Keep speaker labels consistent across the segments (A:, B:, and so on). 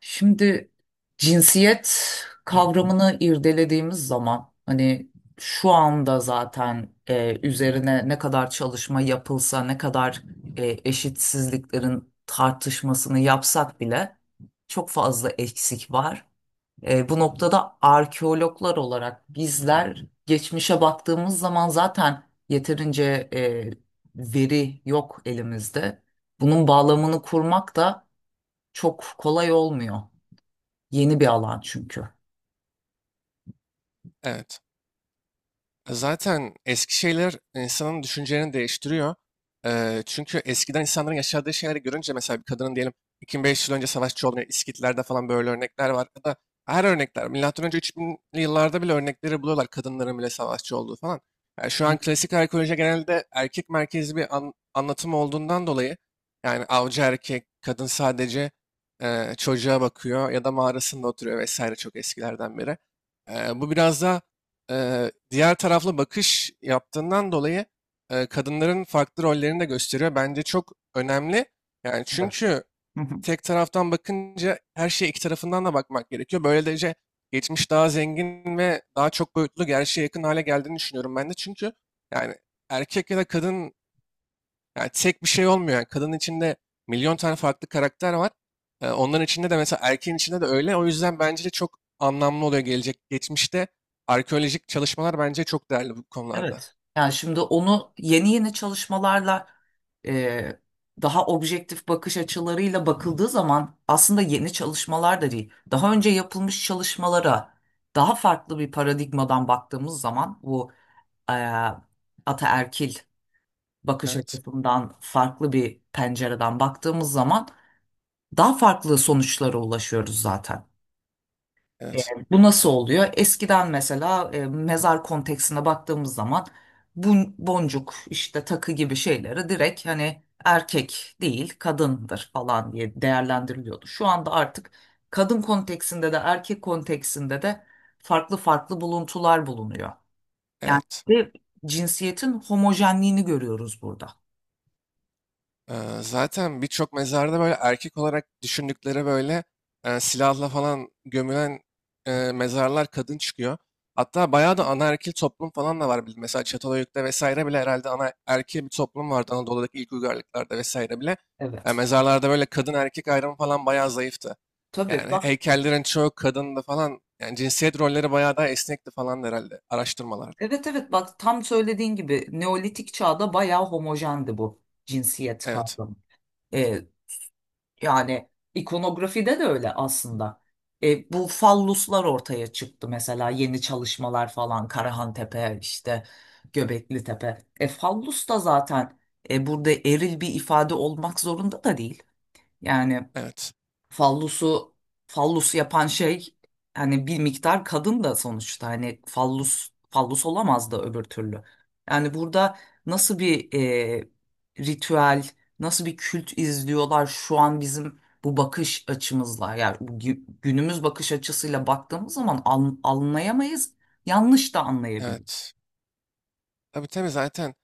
A: Şimdi cinsiyet kavramını irdelediğimiz zaman hani şu anda zaten üzerine ne kadar çalışma yapılsa ne kadar eşitsizliklerin tartışmasını yapsak bile çok fazla eksik var. Bu noktada arkeologlar olarak bizler geçmişe baktığımız zaman zaten yeterince veri yok elimizde. Bunun bağlamını kurmak da çok kolay olmuyor. Yeni bir alan çünkü.
B: Evet. Zaten eski şeyler insanın düşüncelerini değiştiriyor. Çünkü eskiden insanların yaşadığı şeyleri görünce mesela bir kadının diyelim 2500 yıl önce savaşçı olduğunu, İskitler'de falan böyle örnekler var. Ya da her örnekler, milattan önce 3000'li yıllarda bile örnekleri buluyorlar kadınların bile savaşçı olduğu falan. Yani şu an klasik arkeoloji genelde erkek merkezli bir anlatım olduğundan dolayı yani avcı erkek, kadın sadece çocuğa bakıyor ya da mağarasında oturuyor vesaire çok eskilerden beri. Bu biraz daha diğer taraflı bakış yaptığından dolayı kadınların farklı rollerini de gösteriyor. Bence çok önemli. Yani çünkü tek taraftan bakınca her şeye iki tarafından da bakmak gerekiyor. Böylece geçmiş daha zengin ve daha çok boyutlu gerçeğe yakın hale geldiğini düşünüyorum ben de. Çünkü yani erkek ya da kadın yani tek bir şey olmuyor. Yani kadının içinde milyon tane farklı karakter var. Onların içinde de mesela erkeğin içinde de öyle. O yüzden bence de çok anlamlı oluyor gelecek. Geçmişte arkeolojik çalışmalar bence çok değerli bu konularda.
A: Evet. Yani şimdi onu yeni yeni çalışmalarla e, daha objektif bakış açılarıyla bakıldığı zaman aslında yeni çalışmalar da değil. Daha önce yapılmış çalışmalara daha farklı bir paradigmadan baktığımız zaman bu e, ataerkil bakış
B: Evet,
A: açısından farklı bir pencereden baktığımız zaman daha farklı sonuçlara ulaşıyoruz zaten. E,
B: evet,
A: Bu nasıl oluyor? Eskiden mesela mezar konteksine baktığımız zaman bu boncuk işte takı gibi şeyleri direkt hani erkek değil kadındır falan diye değerlendiriliyordu. Şu anda artık kadın konteksinde de erkek konteksinde de farklı farklı buluntular bulunuyor. Yani
B: evet.
A: ve cinsiyetin homojenliğini görüyoruz burada.
B: Ee, Zaten birçok mezarda böyle erkek olarak düşündükleri böyle silahla falan gömülen mezarlar kadın çıkıyor. Hatta bayağı da anaerkil toplum falan da var. Mesela Çatalhöyük'te vesaire bile herhalde anaerkil bir toplum vardı Anadolu'daki ilk uygarlıklarda vesaire bile.
A: Evet.
B: Mezarlarda böyle kadın erkek ayrımı falan bayağı zayıftı.
A: Tabii
B: Yani
A: bak.
B: heykellerin çoğu kadındı falan. Yani cinsiyet rolleri bayağı daha esnekti falan herhalde araştırmalarda.
A: Evet, evet, bak tam söylediğin gibi Neolitik çağda bayağı homojendi bu cinsiyet
B: Evet.
A: kavramı. Ee, Yani ikonografide de öyle aslında. Bu falluslar ortaya çıktı mesela yeni çalışmalar falan Karahan Tepe işte Göbekli Tepe. Fallus da zaten burada eril bir ifade olmak zorunda da değil. Yani
B: Evet,
A: fallusu fallusu yapan şey hani bir miktar kadın da sonuçta hani fallus fallus olamaz da öbür türlü. Yani burada nasıl bir e, ritüel, nasıl bir kült izliyorlar şu an bizim bu bakış açımızla yani bu günümüz bakış açısıyla baktığımız zaman anlayamayız, yanlış da anlayabiliriz.
B: evet. Tabii tabii, zaten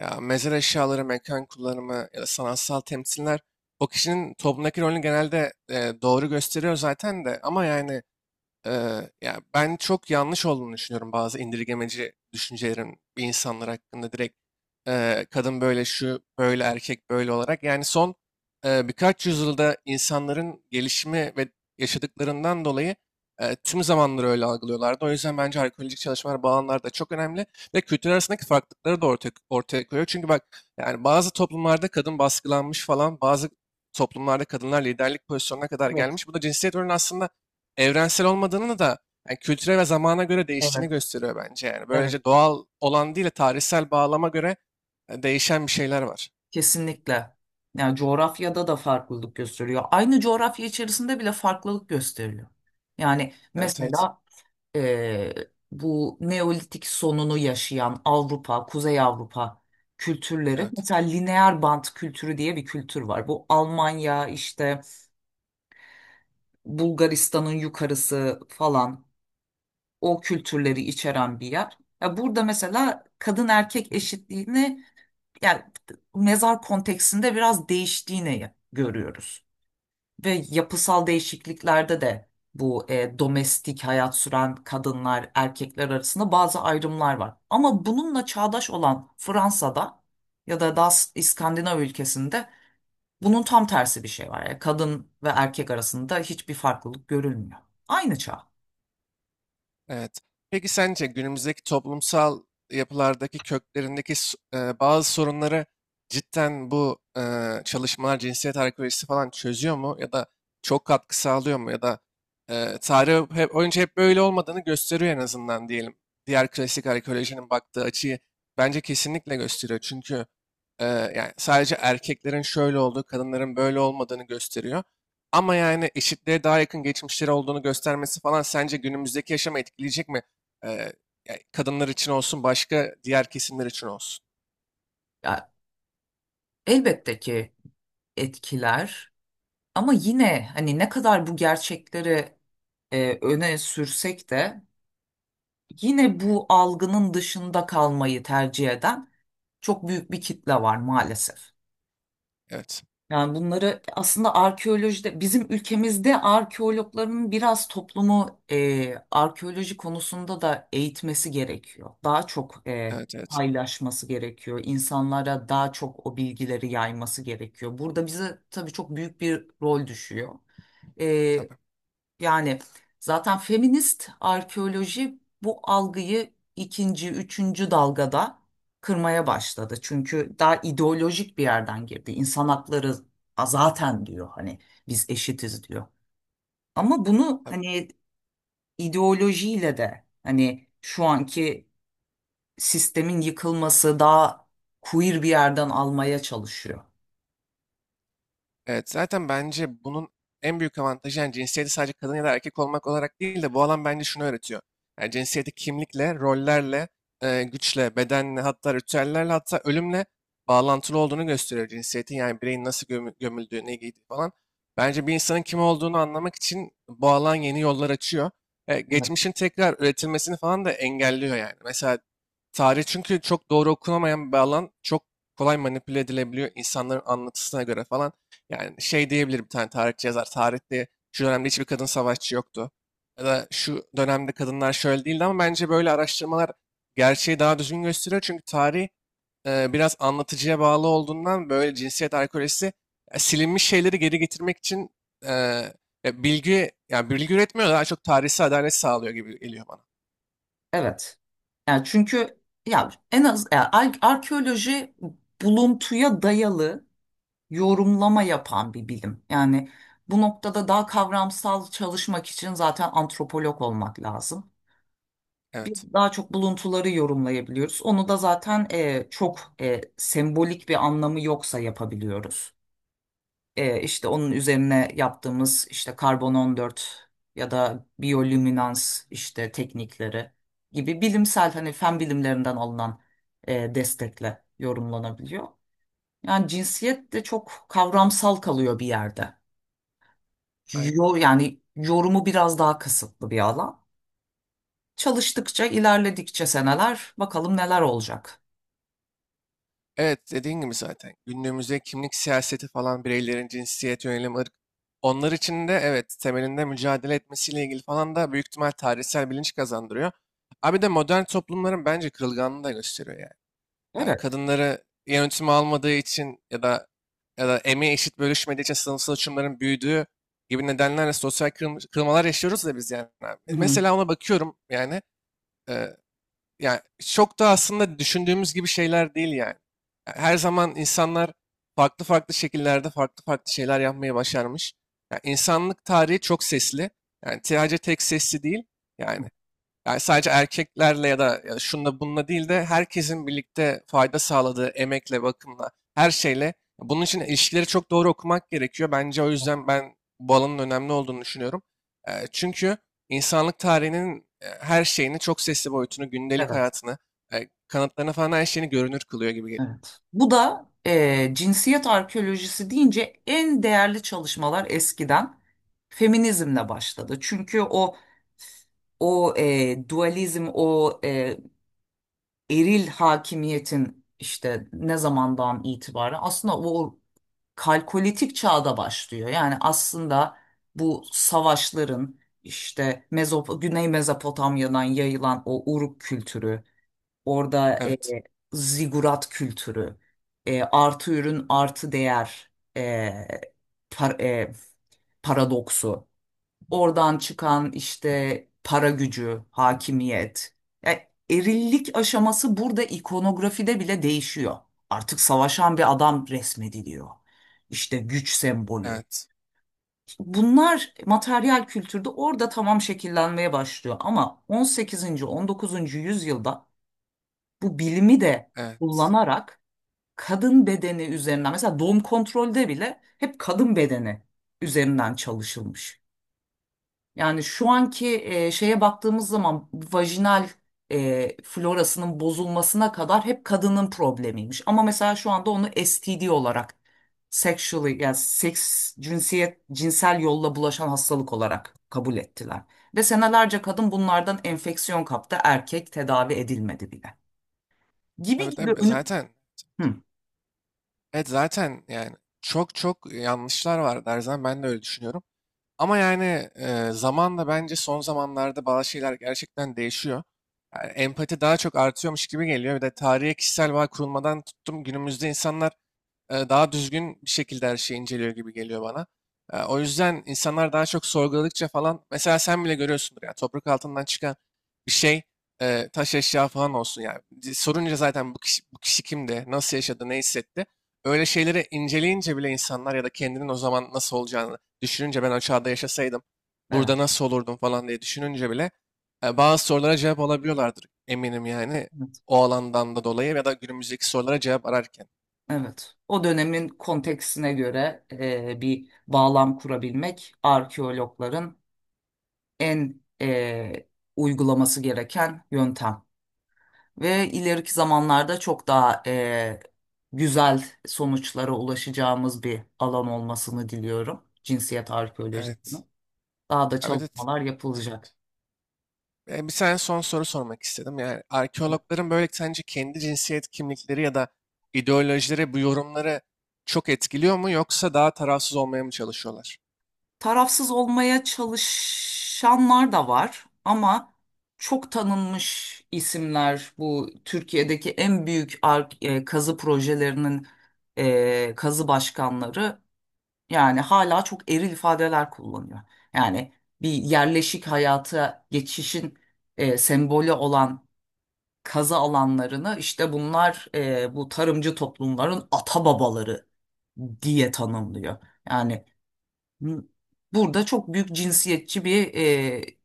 B: ya mezar eşyaları, mekan kullanımı ya da sanatsal temsiller o kişinin toplumdaki rolünü genelde doğru gösteriyor zaten de ama yani ya ben çok yanlış olduğunu düşünüyorum bazı indirgemeci düşüncelerin bir insanlar hakkında direkt kadın böyle şu böyle erkek böyle olarak. Yani son birkaç yüzyılda insanların gelişimi ve yaşadıklarından dolayı tüm zamanları öyle algılıyorlardı. O yüzden bence arkeolojik çalışmalar bu alanlarda çok önemli ve kültür arasındaki farklılıkları da ortaya koyuyor. Çünkü bak yani bazı toplumlarda kadın baskılanmış falan bazı toplumlarda kadınlar liderlik pozisyonuna kadar
A: Evet,
B: gelmiş. Bu da cinsiyet rolünü aslında evrensel olmadığını da yani kültüre ve zamana göre
A: evet,
B: değiştiğini gösteriyor bence yani.
A: evet.
B: Böylece doğal olan değil de tarihsel bağlama göre değişen bir şeyler var.
A: Kesinlikle. Yani coğrafyada da farklılık gösteriyor. Aynı coğrafya içerisinde bile farklılık gösteriyor. Yani
B: Evet evet.
A: mesela eee, bu Neolitik sonunu yaşayan Avrupa, Kuzey Avrupa kültürleri
B: Evet.
A: mesela lineer bant kültürü diye bir kültür var. Bu Almanya işte Bulgaristan'ın yukarısı falan o kültürleri içeren bir yer. Ya burada mesela kadın erkek eşitliğini yani mezar konteksinde biraz değiştiğini görüyoruz. Ve yapısal değişikliklerde de bu domestik hayat süren kadınlar, erkekler arasında bazı ayrımlar var. Ama bununla çağdaş olan Fransa'da ya da daha İskandinav ülkesinde bunun tam tersi bir şey var. Yani kadın ve erkek arasında hiçbir farklılık görülmüyor. Aynı çağ.
B: Evet. Peki sence günümüzdeki toplumsal yapılardaki köklerindeki bazı sorunları cidden bu çalışmalar cinsiyet arkeolojisi falan çözüyor mu? Ya da çok katkı sağlıyor mu? Ya da tarih hep, önce hep böyle olmadığını gösteriyor en azından diyelim. Diğer klasik arkeolojinin baktığı açıyı bence kesinlikle gösteriyor. Çünkü yani sadece erkeklerin şöyle olduğu, kadınların böyle olmadığını gösteriyor. Ama yani eşitliğe daha yakın geçmişleri olduğunu göstermesi falan sence günümüzdeki yaşamı etkileyecek mi? Ee, Ya kadınlar için olsun, başka diğer kesimler için olsun.
A: Ya, elbette ki etkiler ama yine hani ne kadar bu gerçekleri öne sürsek de yine bu algının dışında kalmayı tercih eden çok büyük bir kitle var maalesef.
B: Evet,
A: Yani bunları aslında arkeolojide bizim ülkemizde arkeologların biraz toplumu arkeoloji konusunda da eğitmesi gerekiyor. Daha çok
B: evet, evet.
A: paylaşması gerekiyor. İnsanlara daha çok o bilgileri yayması gerekiyor. Burada bize tabii çok büyük bir rol düşüyor. E,
B: Tabii,
A: Yani zaten feminist arkeoloji bu algıyı ikinci, üçüncü dalgada kırmaya başladı. Çünkü daha ideolojik bir yerden girdi. İnsan hakları zaten diyor hani biz eşitiz diyor. Ama bunu
B: tabii.
A: hani ideolojiyle de hani şu anki sistemin yıkılması daha queer bir yerden almaya çalışıyor.
B: Evet, zaten bence bunun en büyük avantajı yani cinsiyeti sadece kadın ya da erkek olmak olarak değil de bu alan bence şunu öğretiyor. Yani cinsiyeti kimlikle, rollerle, güçle, bedenle, hatta ritüellerle, hatta ölümle bağlantılı olduğunu gösteriyor cinsiyetin. Yani bireyin nasıl gömüldüğü, ne giydiği falan. Bence bir insanın kim olduğunu anlamak için bu alan yeni yollar açıyor.
A: Evet.
B: Geçmişin tekrar üretilmesini falan da engelliyor yani. Mesela tarih çünkü çok doğru okunamayan bir alan. Çok kolay manipüle edilebiliyor insanların anlatısına göre falan. Yani şey diyebilir bir tane tarihçi yazar. Tarihte şu dönemde hiçbir kadın savaşçı yoktu. Ya da şu dönemde kadınlar şöyle değildi ama bence böyle araştırmalar gerçeği daha düzgün gösteriyor. Çünkü tarih biraz anlatıcıya bağlı olduğundan böyle cinsiyet alkolojisi silinmiş şeyleri geri getirmek için e, ya bilgi yani bilgi üretmiyor da daha çok tarihsel adalet sağlıyor gibi geliyor bana.
A: Evet. Yani çünkü ya en az ya arkeoloji buluntuya dayalı yorumlama yapan bir bilim. Yani bu noktada daha kavramsal çalışmak için zaten antropolog olmak lazım.
B: Evet.
A: Biz daha çok buluntuları yorumlayabiliyoruz. Onu da zaten çok sembolik bir anlamı yoksa yapabiliyoruz. İşte onun üzerine yaptığımız işte karbon 14 ya da biyolüminans işte teknikleri gibi bilimsel hani fen bilimlerinden alınan destekle yorumlanabiliyor. Yani cinsiyet de çok kavramsal kalıyor bir yerde. Yo,
B: Aynen.
A: yani yorumu biraz daha kısıtlı bir alan. Çalıştıkça, ilerledikçe seneler bakalım neler olacak.
B: Evet, dediğin gibi zaten. Günümüzde kimlik siyaseti falan bireylerin cinsiyet, yönelim, ırk. Onlar için de evet temelinde mücadele etmesiyle ilgili falan da büyük ihtimal tarihsel bilinç kazandırıyor. Abi de modern toplumların bence kırılganlığını da gösteriyor yani. Ha,
A: Evet.
B: kadınları yönetime almadığı için ya da ya da emeği eşit bölüşmediği için sınıfsal uçurumların büyüdüğü gibi nedenlerle sosyal kırılmalar yaşıyoruz da biz yani. Abi.
A: Hı hı.
B: Mesela ona bakıyorum yani. Yani çok da aslında düşündüğümüz gibi şeyler değil yani. Her zaman insanlar farklı farklı şekillerde farklı farklı şeyler yapmayı başarmış. Yani insanlık tarihi çok sesli. Yani sadece tek sesli değil. Yani yani sadece erkeklerle ya da ya şunla bununla değil de herkesin birlikte fayda sağladığı emekle, bakımla, her şeyle. Bunun için ilişkileri çok doğru okumak gerekiyor. Bence o yüzden ben bu alanın önemli olduğunu düşünüyorum. Çünkü insanlık tarihinin her şeyini, çok sesli boyutunu, gündelik
A: Evet.
B: hayatını, kanıtlarını falan her şeyini görünür kılıyor gibi geliyor.
A: Evet. Bu da cinsiyet arkeolojisi deyince en değerli çalışmalar eskiden feminizmle başladı. Çünkü o dualizm, o eril hakimiyetin işte ne zamandan itibaren aslında o kalkolitik çağda başlıyor. Yani aslında bu savaşların işte Mezop Güney Mezopotamya'dan yayılan o Uruk kültürü, orada
B: Evet.
A: zigurat kültürü, artı ürün artı değer e, par- e, paradoksu. Oradan çıkan işte para gücü, hakimiyet. Yani erillik aşaması burada ikonografide bile değişiyor. Artık savaşan bir adam resmediliyor. İşte güç sembolü.
B: Evet.
A: Bunlar materyal kültürde orada tamam şekillenmeye başlıyor ama 18. 19. yüzyılda bu bilimi de
B: Evet.
A: kullanarak kadın bedeni üzerinden mesela doğum kontrolde bile hep kadın bedeni üzerinden çalışılmış. Yani şu anki şeye baktığımız zaman vajinal florasının bozulmasına kadar hep kadının problemiymiş. Ama mesela şu anda onu STD olarak sexually yani seks cinsiyet cinsel yolla bulaşan hastalık olarak kabul ettiler. Ve senelerce kadın bunlardan enfeksiyon kaptı, erkek tedavi edilmedi bile. Gibi
B: Tabii
A: gibi
B: tabii,
A: önü...
B: zaten
A: Hı,
B: evet, zaten yani çok çok yanlışlar var Derzan, ben de öyle düşünüyorum. Ama yani zamanla bence son zamanlarda bazı şeyler gerçekten değişiyor. Yani empati daha çok artıyormuş gibi geliyor. Bir de tarihe kişisel bağ kurulmadan tuttum günümüzde insanlar daha düzgün bir şekilde her şeyi inceliyor gibi geliyor bana. O yüzden insanlar daha çok sorguladıkça falan mesela sen bile görüyorsundur yani toprak altından çıkan bir şey taş eşya falan olsun yani. Sorunca zaten bu kişi, bu kişi kimdi, nasıl yaşadı, ne hissetti. Öyle şeyleri inceleyince bile insanlar ya da kendinin o zaman nasıl olacağını düşününce ben o çağda yaşasaydım
A: evet,
B: burada nasıl olurdum falan diye düşününce bile bazı sorulara cevap alabiliyorlardır eminim yani
A: evet,
B: o alandan da dolayı ya da günümüzdeki sorulara cevap ararken.
A: evet. O dönemin konteksine göre bir bağlam kurabilmek arkeologların en uygulaması gereken yöntem. Ve ileriki zamanlarda çok daha güzel sonuçlara ulaşacağımız bir alan olmasını diliyorum. Cinsiyet
B: Evet.
A: arkeolojisinin. Daha da
B: Abi de,
A: çalışmalar yapılacak.
B: bir tane son soru sormak istedim. Yani arkeologların böyle sence kendi cinsiyet kimlikleri ya da ideolojileri bu yorumları çok etkiliyor mu yoksa daha tarafsız olmaya mı çalışıyorlar?
A: Tarafsız olmaya çalışanlar da var ama çok tanınmış isimler bu Türkiye'deki en büyük kazı projelerinin kazı başkanları. Yani hala çok eril ifadeler kullanıyor. Yani bir yerleşik hayata geçişin sembolü olan kazı alanlarını işte bunlar bu tarımcı toplumların ata babaları diye tanımlıyor. Yani m- burada çok büyük cinsiyetçi bir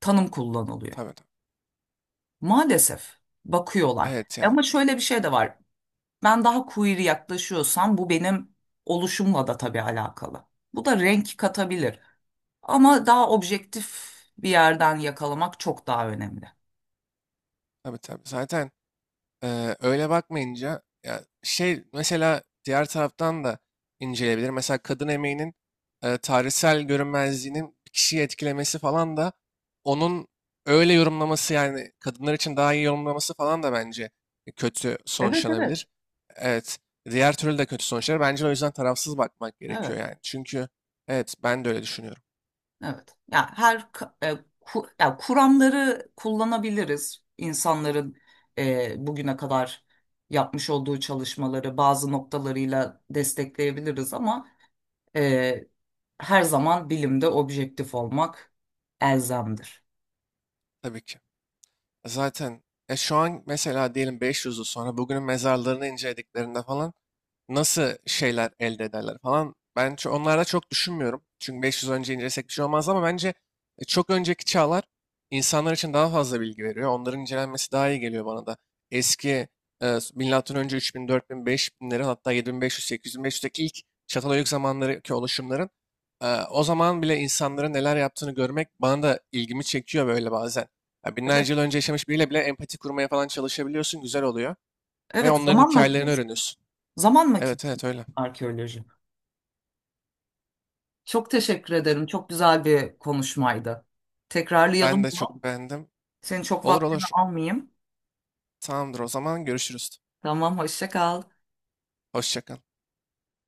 A: tanım kullanılıyor.
B: Tabii tabii.
A: Maalesef bakıyorlar.
B: Evet yani.
A: Ama şöyle bir şey de var. Ben daha queer yaklaşıyorsam bu benim oluşumla da tabii alakalı. Bu da renk katabilir. Ama daha objektif bir yerden yakalamak çok daha önemli.
B: Tabii tabii. Zaten öyle bakmayınca ya şey mesela diğer taraftan da inceleyebilir. Mesela kadın emeğinin tarihsel görünmezliğinin bir kişiyi etkilemesi falan da onun öyle yorumlaması yani kadınlar için daha iyi yorumlaması falan da bence kötü
A: Evet,
B: sonuçlanabilir.
A: evet.
B: Evet. Diğer türlü de kötü sonuçlar. Bence o yüzden tarafsız bakmak gerekiyor
A: Evet.
B: yani. Çünkü evet, ben de öyle düşünüyorum.
A: Evet. Ya her ya kuramları kullanabiliriz. İnsanların bugüne kadar yapmış olduğu çalışmaları bazı noktalarıyla destekleyebiliriz ama e, her zaman bilimde objektif olmak elzemdir.
B: Tabii ki. Zaten şu an mesela diyelim 500 yıl sonra bugünün mezarlarını incelediklerinde falan nasıl şeyler elde ederler falan. Ben onlarda çok düşünmüyorum. Çünkü 500 önce incelesek bir şey olmaz ama bence çok önceki çağlar insanlar için daha fazla bilgi veriyor. Onların incelenmesi daha iyi geliyor bana da. Eski milattan önce 3000, 4000, 5000'lerin hatta 7500, 8500'deki ilk Çatalhöyük zamanlarındaki oluşumların o zaman bile insanların neler yaptığını görmek bana da ilgimi çekiyor böyle bazen. Ya
A: Evet.
B: binlerce yıl önce yaşamış biriyle bile empati kurmaya falan çalışabiliyorsun, güzel oluyor ve
A: Evet,
B: onların
A: zaman
B: hikayelerini
A: makinesi.
B: öğreniyorsun.
A: Zaman
B: Evet
A: makinesi
B: evet öyle.
A: arkeoloji. Çok teşekkür ederim. Çok güzel bir konuşmaydı.
B: Ben
A: Tekrarlayalım
B: de
A: bunu.
B: çok beğendim.
A: Senin çok
B: Olur
A: vaktini
B: olur.
A: almayayım.
B: Tamamdır, o zaman görüşürüz.
A: Tamam, hoşça kal.
B: Hoşça kal.